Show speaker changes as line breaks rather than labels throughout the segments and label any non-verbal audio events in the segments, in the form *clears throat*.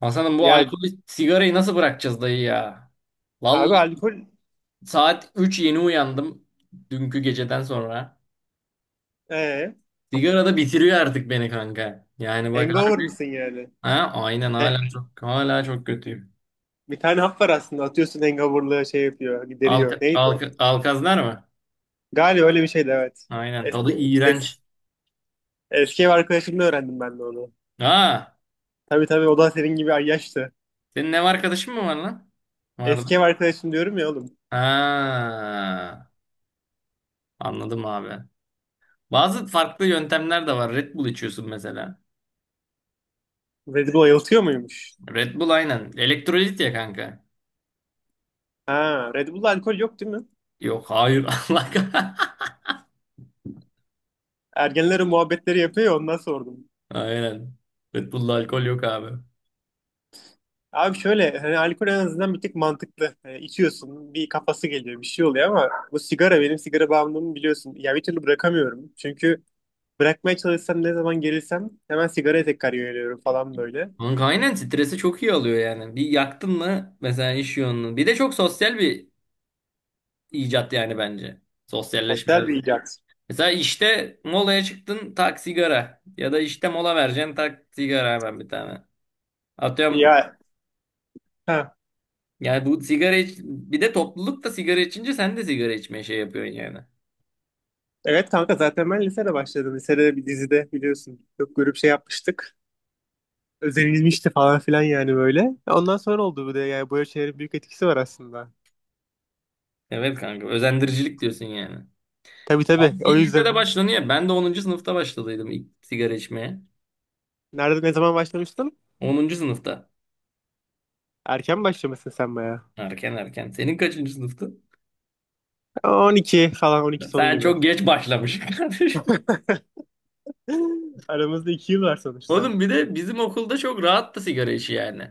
Hasan'ım, bu
Ya
alkolü sigarayı nasıl bırakacağız dayı ya?
abi
Vallahi
alkol
saat 3 yeni uyandım dünkü geceden sonra.
ee,
Sigara da bitiriyor artık beni, kanka. Yani bak,
hangover
harbi.
mısın yani?
Ha, aynen,
He,
hala çok kötüyüm.
bir tane hap var aslında atıyorsun hangoverlığı şey yapıyor gideriyor. Neydi o?
Alkazlar mı?
Galiba öyle bir şeydi, evet.
Aynen, tadı
Eski, es,
iğrenç.
Eski ev arkadaşımla öğrendim ben de onu.
Ha,
Tabii tabii, o da senin gibi ay yaştı.
senin ev arkadaşın mı var lan? Vardı.
Eski ev arkadaşım diyorum ya oğlum.
Ha, anladım abi. Bazı farklı yöntemler de var. Red Bull içiyorsun mesela.
Red Bull ayıltıyor muymuş?
Red Bull, aynen. Elektrolit ya, kanka.
Ha, Red Bull'da alkol yok değil mi?
Yok, hayır. *laughs*
Ergenlerin muhabbetleri yapıyor ya, ondan sordum.
Aynen. Red Bull'da alkol yok abi.
Abi şöyle, hani alkol en azından bir tık mantıklı. Hani içiyorsun, bir kafası geliyor, bir şey oluyor ama bu sigara, benim sigara bağımlılığımı biliyorsun. Ya bir türlü bırakamıyorum. Çünkü bırakmaya çalışsam, ne zaman gerilsem hemen sigaraya tekrar yöneliyorum falan böyle.
Kanka aynen, stresi çok iyi alıyor yani. Bir yaktın mı, mesela iş yoğunluğu. Bir de çok sosyal bir icat yani, bence. Sosyalleşme.
Otel bir icat.
Mesela işte molaya çıktın, tak sigara. Ya da işte mola vereceksin, tak sigara hemen bir tane. Atıyorum.
Ya, ha.
Yani bu bir de topluluk da sigara içince sen de sigara içmeye şey yapıyorsun yani.
Evet kanka, zaten ben lisede başladım. Lisede bir dizide biliyorsun. Çok grup şey yapmıştık. Özenilmişti falan filan yani böyle. Ondan sonra oldu bu da, yani böyle şeylerin büyük etkisi var aslında.
Evet kanka, özendiricilik diyorsun yani.
Tabii
Ama
tabii, o
bir lisede
yüzden.
başlanıyor. Ben de onuncu sınıfta başladıydım ilk sigara içmeye.
Nerede, ne zaman başlamıştın?
Onuncu sınıfta.
Erken başlamışsın sen baya.
Erken, erken. Senin kaçıncı sınıftı?
12 falan, 12 sonu
Sen
gibi.
çok geç başlamışsın *laughs* kardeşim.
*laughs* Aramızda 2 yıl var sonuçta.
Oğlum, bir de bizim okulda çok rahattı sigara işi yani.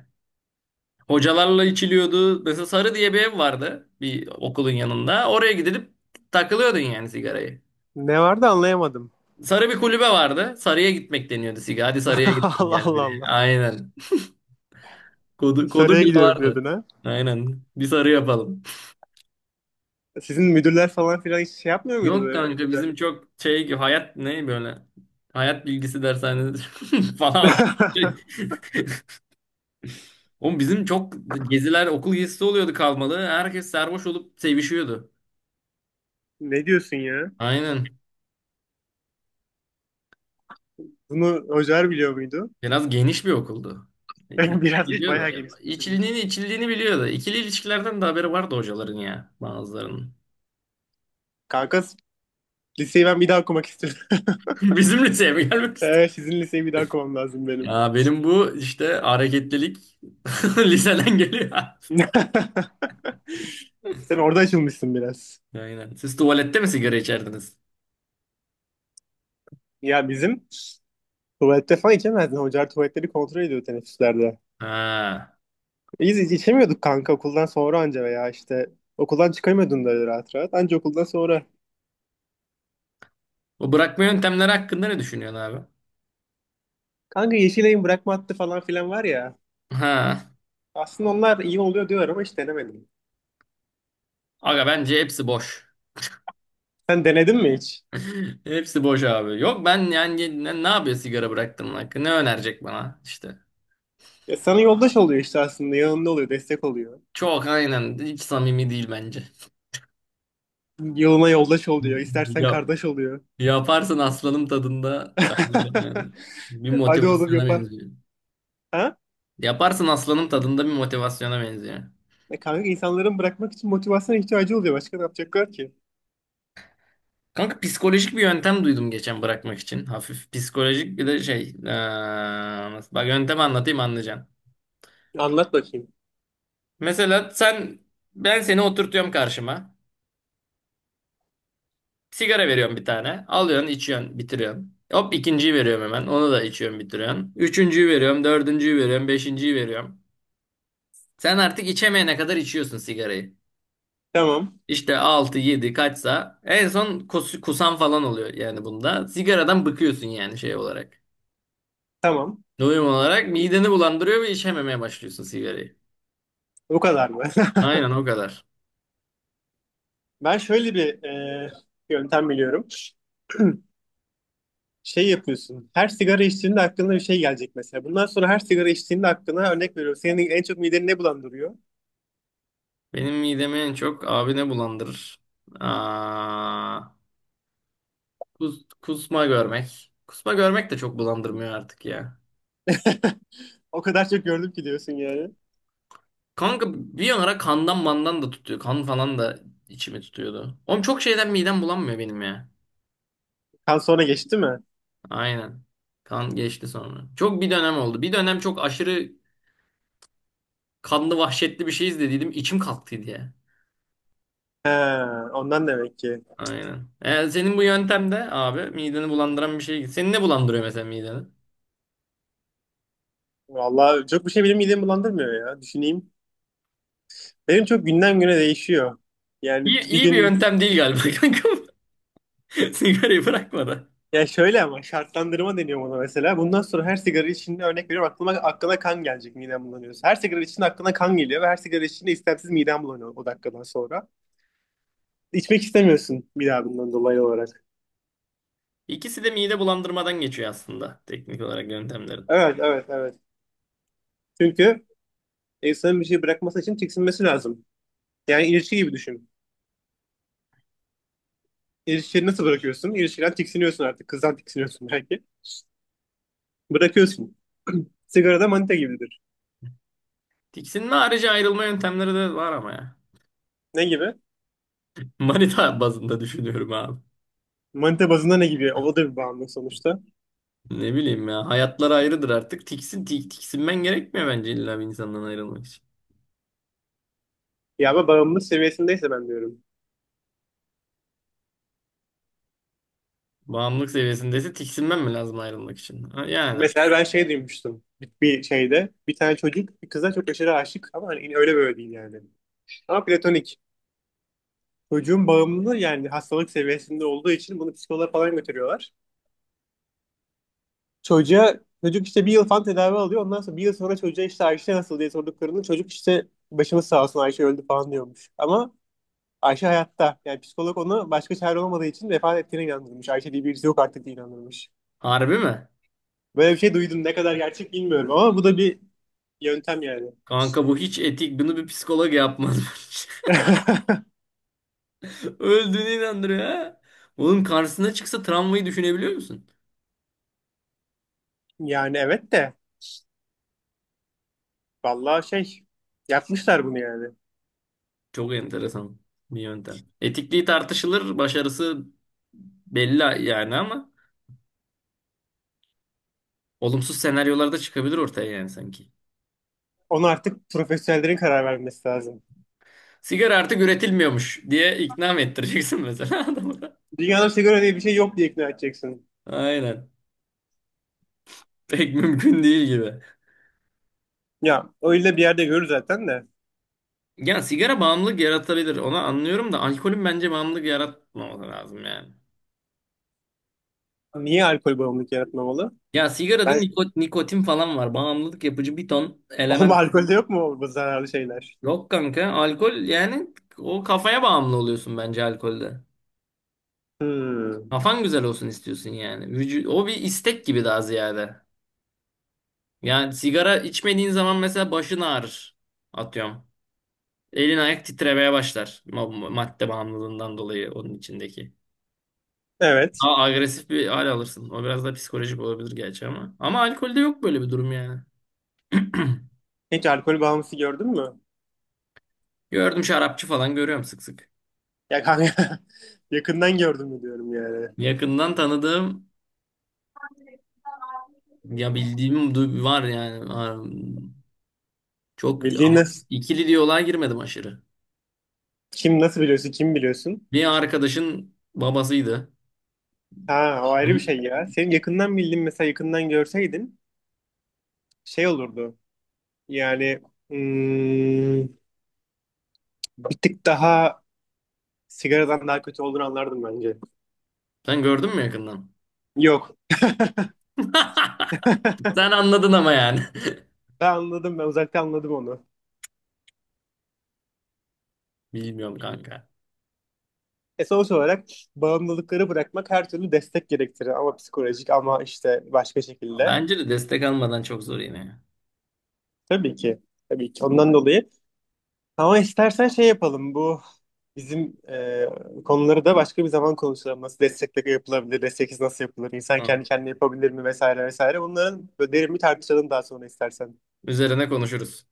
Hocalarla içiliyordu. Mesela Sarı diye bir ev vardı bir okulun yanında. Oraya gidip takılıyordun yani, sigarayı.
Ne vardı, anlayamadım.
Sarı bir kulübe vardı. Sarı'ya gitmek deniyordu sigara. Hadi Sarı'ya
*laughs*
gidelim
Allah
gel bir
Allah
diye.
Allah.
Aynen. Kodu
Saraya
bile
gidiyorum
vardı.
diyordun ha.
Aynen. Bir Sarı yapalım.
Sizin müdürler falan filan hiç şey yapmıyor muydu
Yok
böyle
kanka,
güzel?
bizim çok şey, hayat ne böyle, hayat bilgisi dershanesi *laughs* falan.
*laughs*
Oğlum bizim çok okul gezisi oluyordu kalmalı. Herkes sarhoş olup sevişiyordu.
Ne diyorsun ya?
Aynen.
Bunu hocalar biliyor muydu?
Biraz geniş bir okuldu. E, e,
*laughs* Biraz değil, bayağı
Biliyordu.
geniş okumuş.
İçiliğini biliyordu. İkili ilişkilerden de haberi vardı hocaların, ya bazılarının.
Kanka, liseyi ben bir daha okumak istiyorum. *laughs*
*laughs* Bizim liseye mi gelmek istiyor?
Sizin liseyi bir daha okumam lazım benim.
Ya benim bu işte hareketlilik *laughs* liseden geliyor.
*laughs* Sen orada açılmışsın biraz.
Aynen. Siz tuvalette mi sigara içerdiniz?
Ya bizim tuvalette falan içemezdin. Hocalar tuvaletleri kontrol ediyor teneffüslerde.
Ha.
Biz hiç içemiyorduk kanka, okuldan sonra anca, veya işte okuldan çıkamıyordun da öyle rahat rahat. Anca okuldan sonra.
O bırakma yöntemleri hakkında ne düşünüyorsun abi?
Kanka, Yeşilay'ın bırakma hattı falan filan var ya.
Ha.
Aslında onlar iyi oluyor diyorlar ama hiç denemedim.
Aga, bence hepsi boş.
Sen denedin mi hiç?
*laughs* Hepsi boş abi. Yok ben yani ne yapıyor sigara bıraktığımın hakkı? Ne önerecek bana işte?
Ya sana yoldaş oluyor işte aslında. Yanında oluyor, destek oluyor.
Çok aynen, hiç samimi değil bence.
Yoluna yoldaş oluyor. İstersen
Ya,
kardeş oluyor.
yaparsın aslanım tadında, bence yani bir
*laughs* Hadi oğlum,
motivasyona
yapar.
benziyor.
Ha?
Yaparsın aslanım tadında bir motivasyona benziyor.
E kanka, insanların bırakmak için motivasyona ihtiyacı oluyor. Başka ne yapacaklar ki?
Kanka, psikolojik bir yöntem duydum geçen bırakmak için. Hafif psikolojik bir de şey. Bak yöntemi anlatayım, anlayacaksın.
Anlat bakayım.
Mesela sen, ben seni oturtuyorum karşıma. Sigara veriyorum bir tane. Alıyorsun, içiyorsun, bitiriyorsun. Hop, ikinciyi veriyorum hemen. Onu da içiyorsun, bitiriyorsun. Üçüncüyü veriyorum, dördüncüyü veriyorum, beşinciyi veriyorum. Sen artık içemeyene kadar içiyorsun sigarayı.
Tamam.
İşte 6 7 kaçsa, en son kusan falan oluyor yani bunda. Sigaradan bıkıyorsun yani, şey olarak.
Tamam.
Doyum olarak mideni bulandırıyor ve içememeye başlıyorsun sigarayı.
O kadar mı? *laughs*
Aynen, o kadar.
Ben şöyle bir yöntem biliyorum. Şey yapıyorsun. Her sigara içtiğinde aklına bir şey gelecek mesela. Bundan sonra her sigara içtiğinde aklına, örnek veriyorum, senin en çok mideni ne bulandırıyor?
Benim midemi en çok abi ne bulandırır? Aa, Kusma görmek. Kusma görmek de çok bulandırmıyor artık ya.
*laughs* O kadar çok gördüm ki diyorsun yani.
Kanka bir ara kandan mandan da tutuyor. Kan falan da içimi tutuyordu. Oğlum çok şeyden midem bulanmıyor benim ya.
Kan sonra geçti mi?
Aynen. Kan geçti sonra. Çok bir dönem oldu. Bir dönem çok aşırı kanlı vahşetli bir şey izlediydim. İçim kalktıydı ya.
He, ondan demek ki.
Aynen. Yani senin bu yöntemde de abi, mideni bulandıran bir şey. Seni ne bulandırıyor mesela mideni?
Vallahi çok bir şey benim midemi bulandırmıyor ya. Düşüneyim. Benim çok günden güne değişiyor. Yani bir
İyi bir
gün.
yöntem değil galiba *laughs* kanka. Sigarayı bırakmadan.
Ya şöyle, ama şartlandırma deniyor buna mesela. Bundan sonra her sigara içinde, örnek veriyorum, aklıma aklına kan gelecek midem bulanıyorsa. Her sigara içinde aklına kan geliyor ve her sigara içinde istemsiz midem bulanıyor o dakikadan sonra. İçmek istemiyorsun bir daha bundan dolayı olarak.
İkisi de mide bulandırmadan geçiyor aslında, teknik olarak, yöntemlerin.
Evet evet evet. Çünkü insanın bir şey bırakması için tiksinmesi lazım. Yani ilişki gibi düşün. İlişkiyi nasıl bırakıyorsun? İlişkiden tiksiniyorsun artık. Kızdan tiksiniyorsun belki. Bırakıyorsun. *clears throat* Sigara da manita gibidir.
Tiksinme harici ayrılma yöntemleri de var ama ya.
Ne gibi?
Manita bazında düşünüyorum abi.
Manita bazında ne gibi? O da bir bağımlılık sonuçta.
Ne bileyim ya, hayatlar ayrıdır artık. Tiksinmen gerekmiyor bence illa bir insandan ayrılmak için.
Ya ama bağımlılık seviyesindeyse ben diyorum.
Bağımlılık seviyesindeyse tiksinmen mi lazım ayrılmak için? Ha, yani.
Mesela ben şey duymuştum bir şeyde. Bir tane çocuk bir kıza çok aşırı aşık ama hani öyle böyle değil yani. Ama platonik. Çocuğun bağımlılığı yani hastalık seviyesinde olduğu için bunu psikoloğa falan götürüyorlar. Çocuğa, çocuk işte 1 yıl falan tedavi alıyor. Ondan sonra 1 yıl sonra çocuğa işte Ayşe nasıl diye sorduklarında çocuk işte başımız sağ olsun, Ayşe öldü falan diyormuş. Ama Ayşe hayatta. Yani psikolog onu, başka çare olmadığı için, vefat ettiğine inandırmış. Ayşe diye birisi yok artık diye inandırmış.
Harbi mi?
Böyle bir şey duydum. Ne kadar gerçek bilmiyorum ama bu da bir yöntem yani.
Kanka bu hiç etik. Bunu bir psikolog yapmaz bence.
*laughs*
*laughs* Öldüğünü inandırıyor ha. Oğlum, karşısına çıksa, travmayı düşünebiliyor musun?
Yani evet de, vallahi şey yapmışlar bunu yani.
Çok enteresan bir yöntem. Etikliği tartışılır, başarısı belli yani, ama olumsuz senaryolar da çıkabilir ortaya yani, sanki.
Onu artık profesyonellerin karar vermesi lazım.
Sigara artık üretilmiyormuş diye ikna mı ettireceksin mesela *laughs* adamı da?
Dünyada sigara diye bir şey yok diye ikna edeceksin.
Aynen. Pek mümkün değil gibi.
Ya öyle bir yerde görür zaten de.
Yani sigara bağımlılık yaratabilir. Onu anlıyorum da alkolün bence bağımlılık yaratmaması lazım yani.
Niye alkol bağımlılık yaratmamalı?
Ya sigarada
Ben
nikotin falan var. Bağımlılık yapıcı bir ton
*laughs* oğlum
element.
alkolde yok mu bu zararlı şeyler?
Yok kanka. Alkol yani, o kafaya bağımlı oluyorsun bence alkolde.
Hmm.
Kafan güzel olsun istiyorsun yani. O bir istek gibi daha ziyade. Yani sigara içmediğin zaman mesela başın ağrır. Atıyorum. Elin ayak titremeye başlar. Madde bağımlılığından dolayı, onun içindeki.
Evet.
Daha agresif bir hal alırsın. O biraz da psikolojik olabilir gerçi ama. Ama alkolde yok böyle bir durum yani. *clears throat*
Hiç alkol bağımlısı gördün mü?
Gördüm, şarapçı falan görüyorum sık sık.
Ya kanka *laughs* yakından gördün mü diyorum yani.
Yakından tanıdığım ya bildiğim var yani. Var. Çok,
Bildiğin
ama
nasıl,
ikili diyaloğa girmedim aşırı.
kim nasıl biliyorsun, kim biliyorsun?
Bir arkadaşın babasıydı.
Ha, o ayrı bir
Gün-
şey ya. Senin yakından bildiğin mesela, yakından görseydin şey olurdu. Yani, hmm, bir tık daha sigaradan daha kötü olduğunu anlardım bence.
Sen gördün mü yakından?
Yok.
*laughs* Sen anladın ama yani.
Ben anladım. Ben uzaktan anladım onu.
*laughs* Bilmiyorum kanka.
E sonuç olarak bağımlılıkları bırakmak her türlü destek gerektirir. Ama psikolojik, ama işte başka şekilde.
Bence de destek almadan çok zor yine, ya.
Tabii ki. Tabii ki. Ondan dolayı. Ama istersen şey yapalım. Bu bizim konuları da başka bir zaman konuşalım. Nasıl destekle yapılabilir? Desteksiz nasıl yapılır? İnsan
Hı.
kendi kendine yapabilir mi? Vesaire vesaire. Bunların böyle derin bir tartışalım daha sonra istersen.
Üzerine konuşuruz.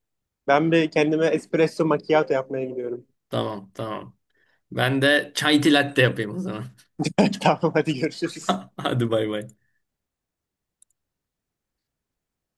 Ben bir kendime espresso macchiato yapmaya gidiyorum.
Tamam, tamam. Ben de çay tilatte yapayım o zaman.
*laughs* Tamam hadi görüşürüz.
*laughs* Hadi bay bay.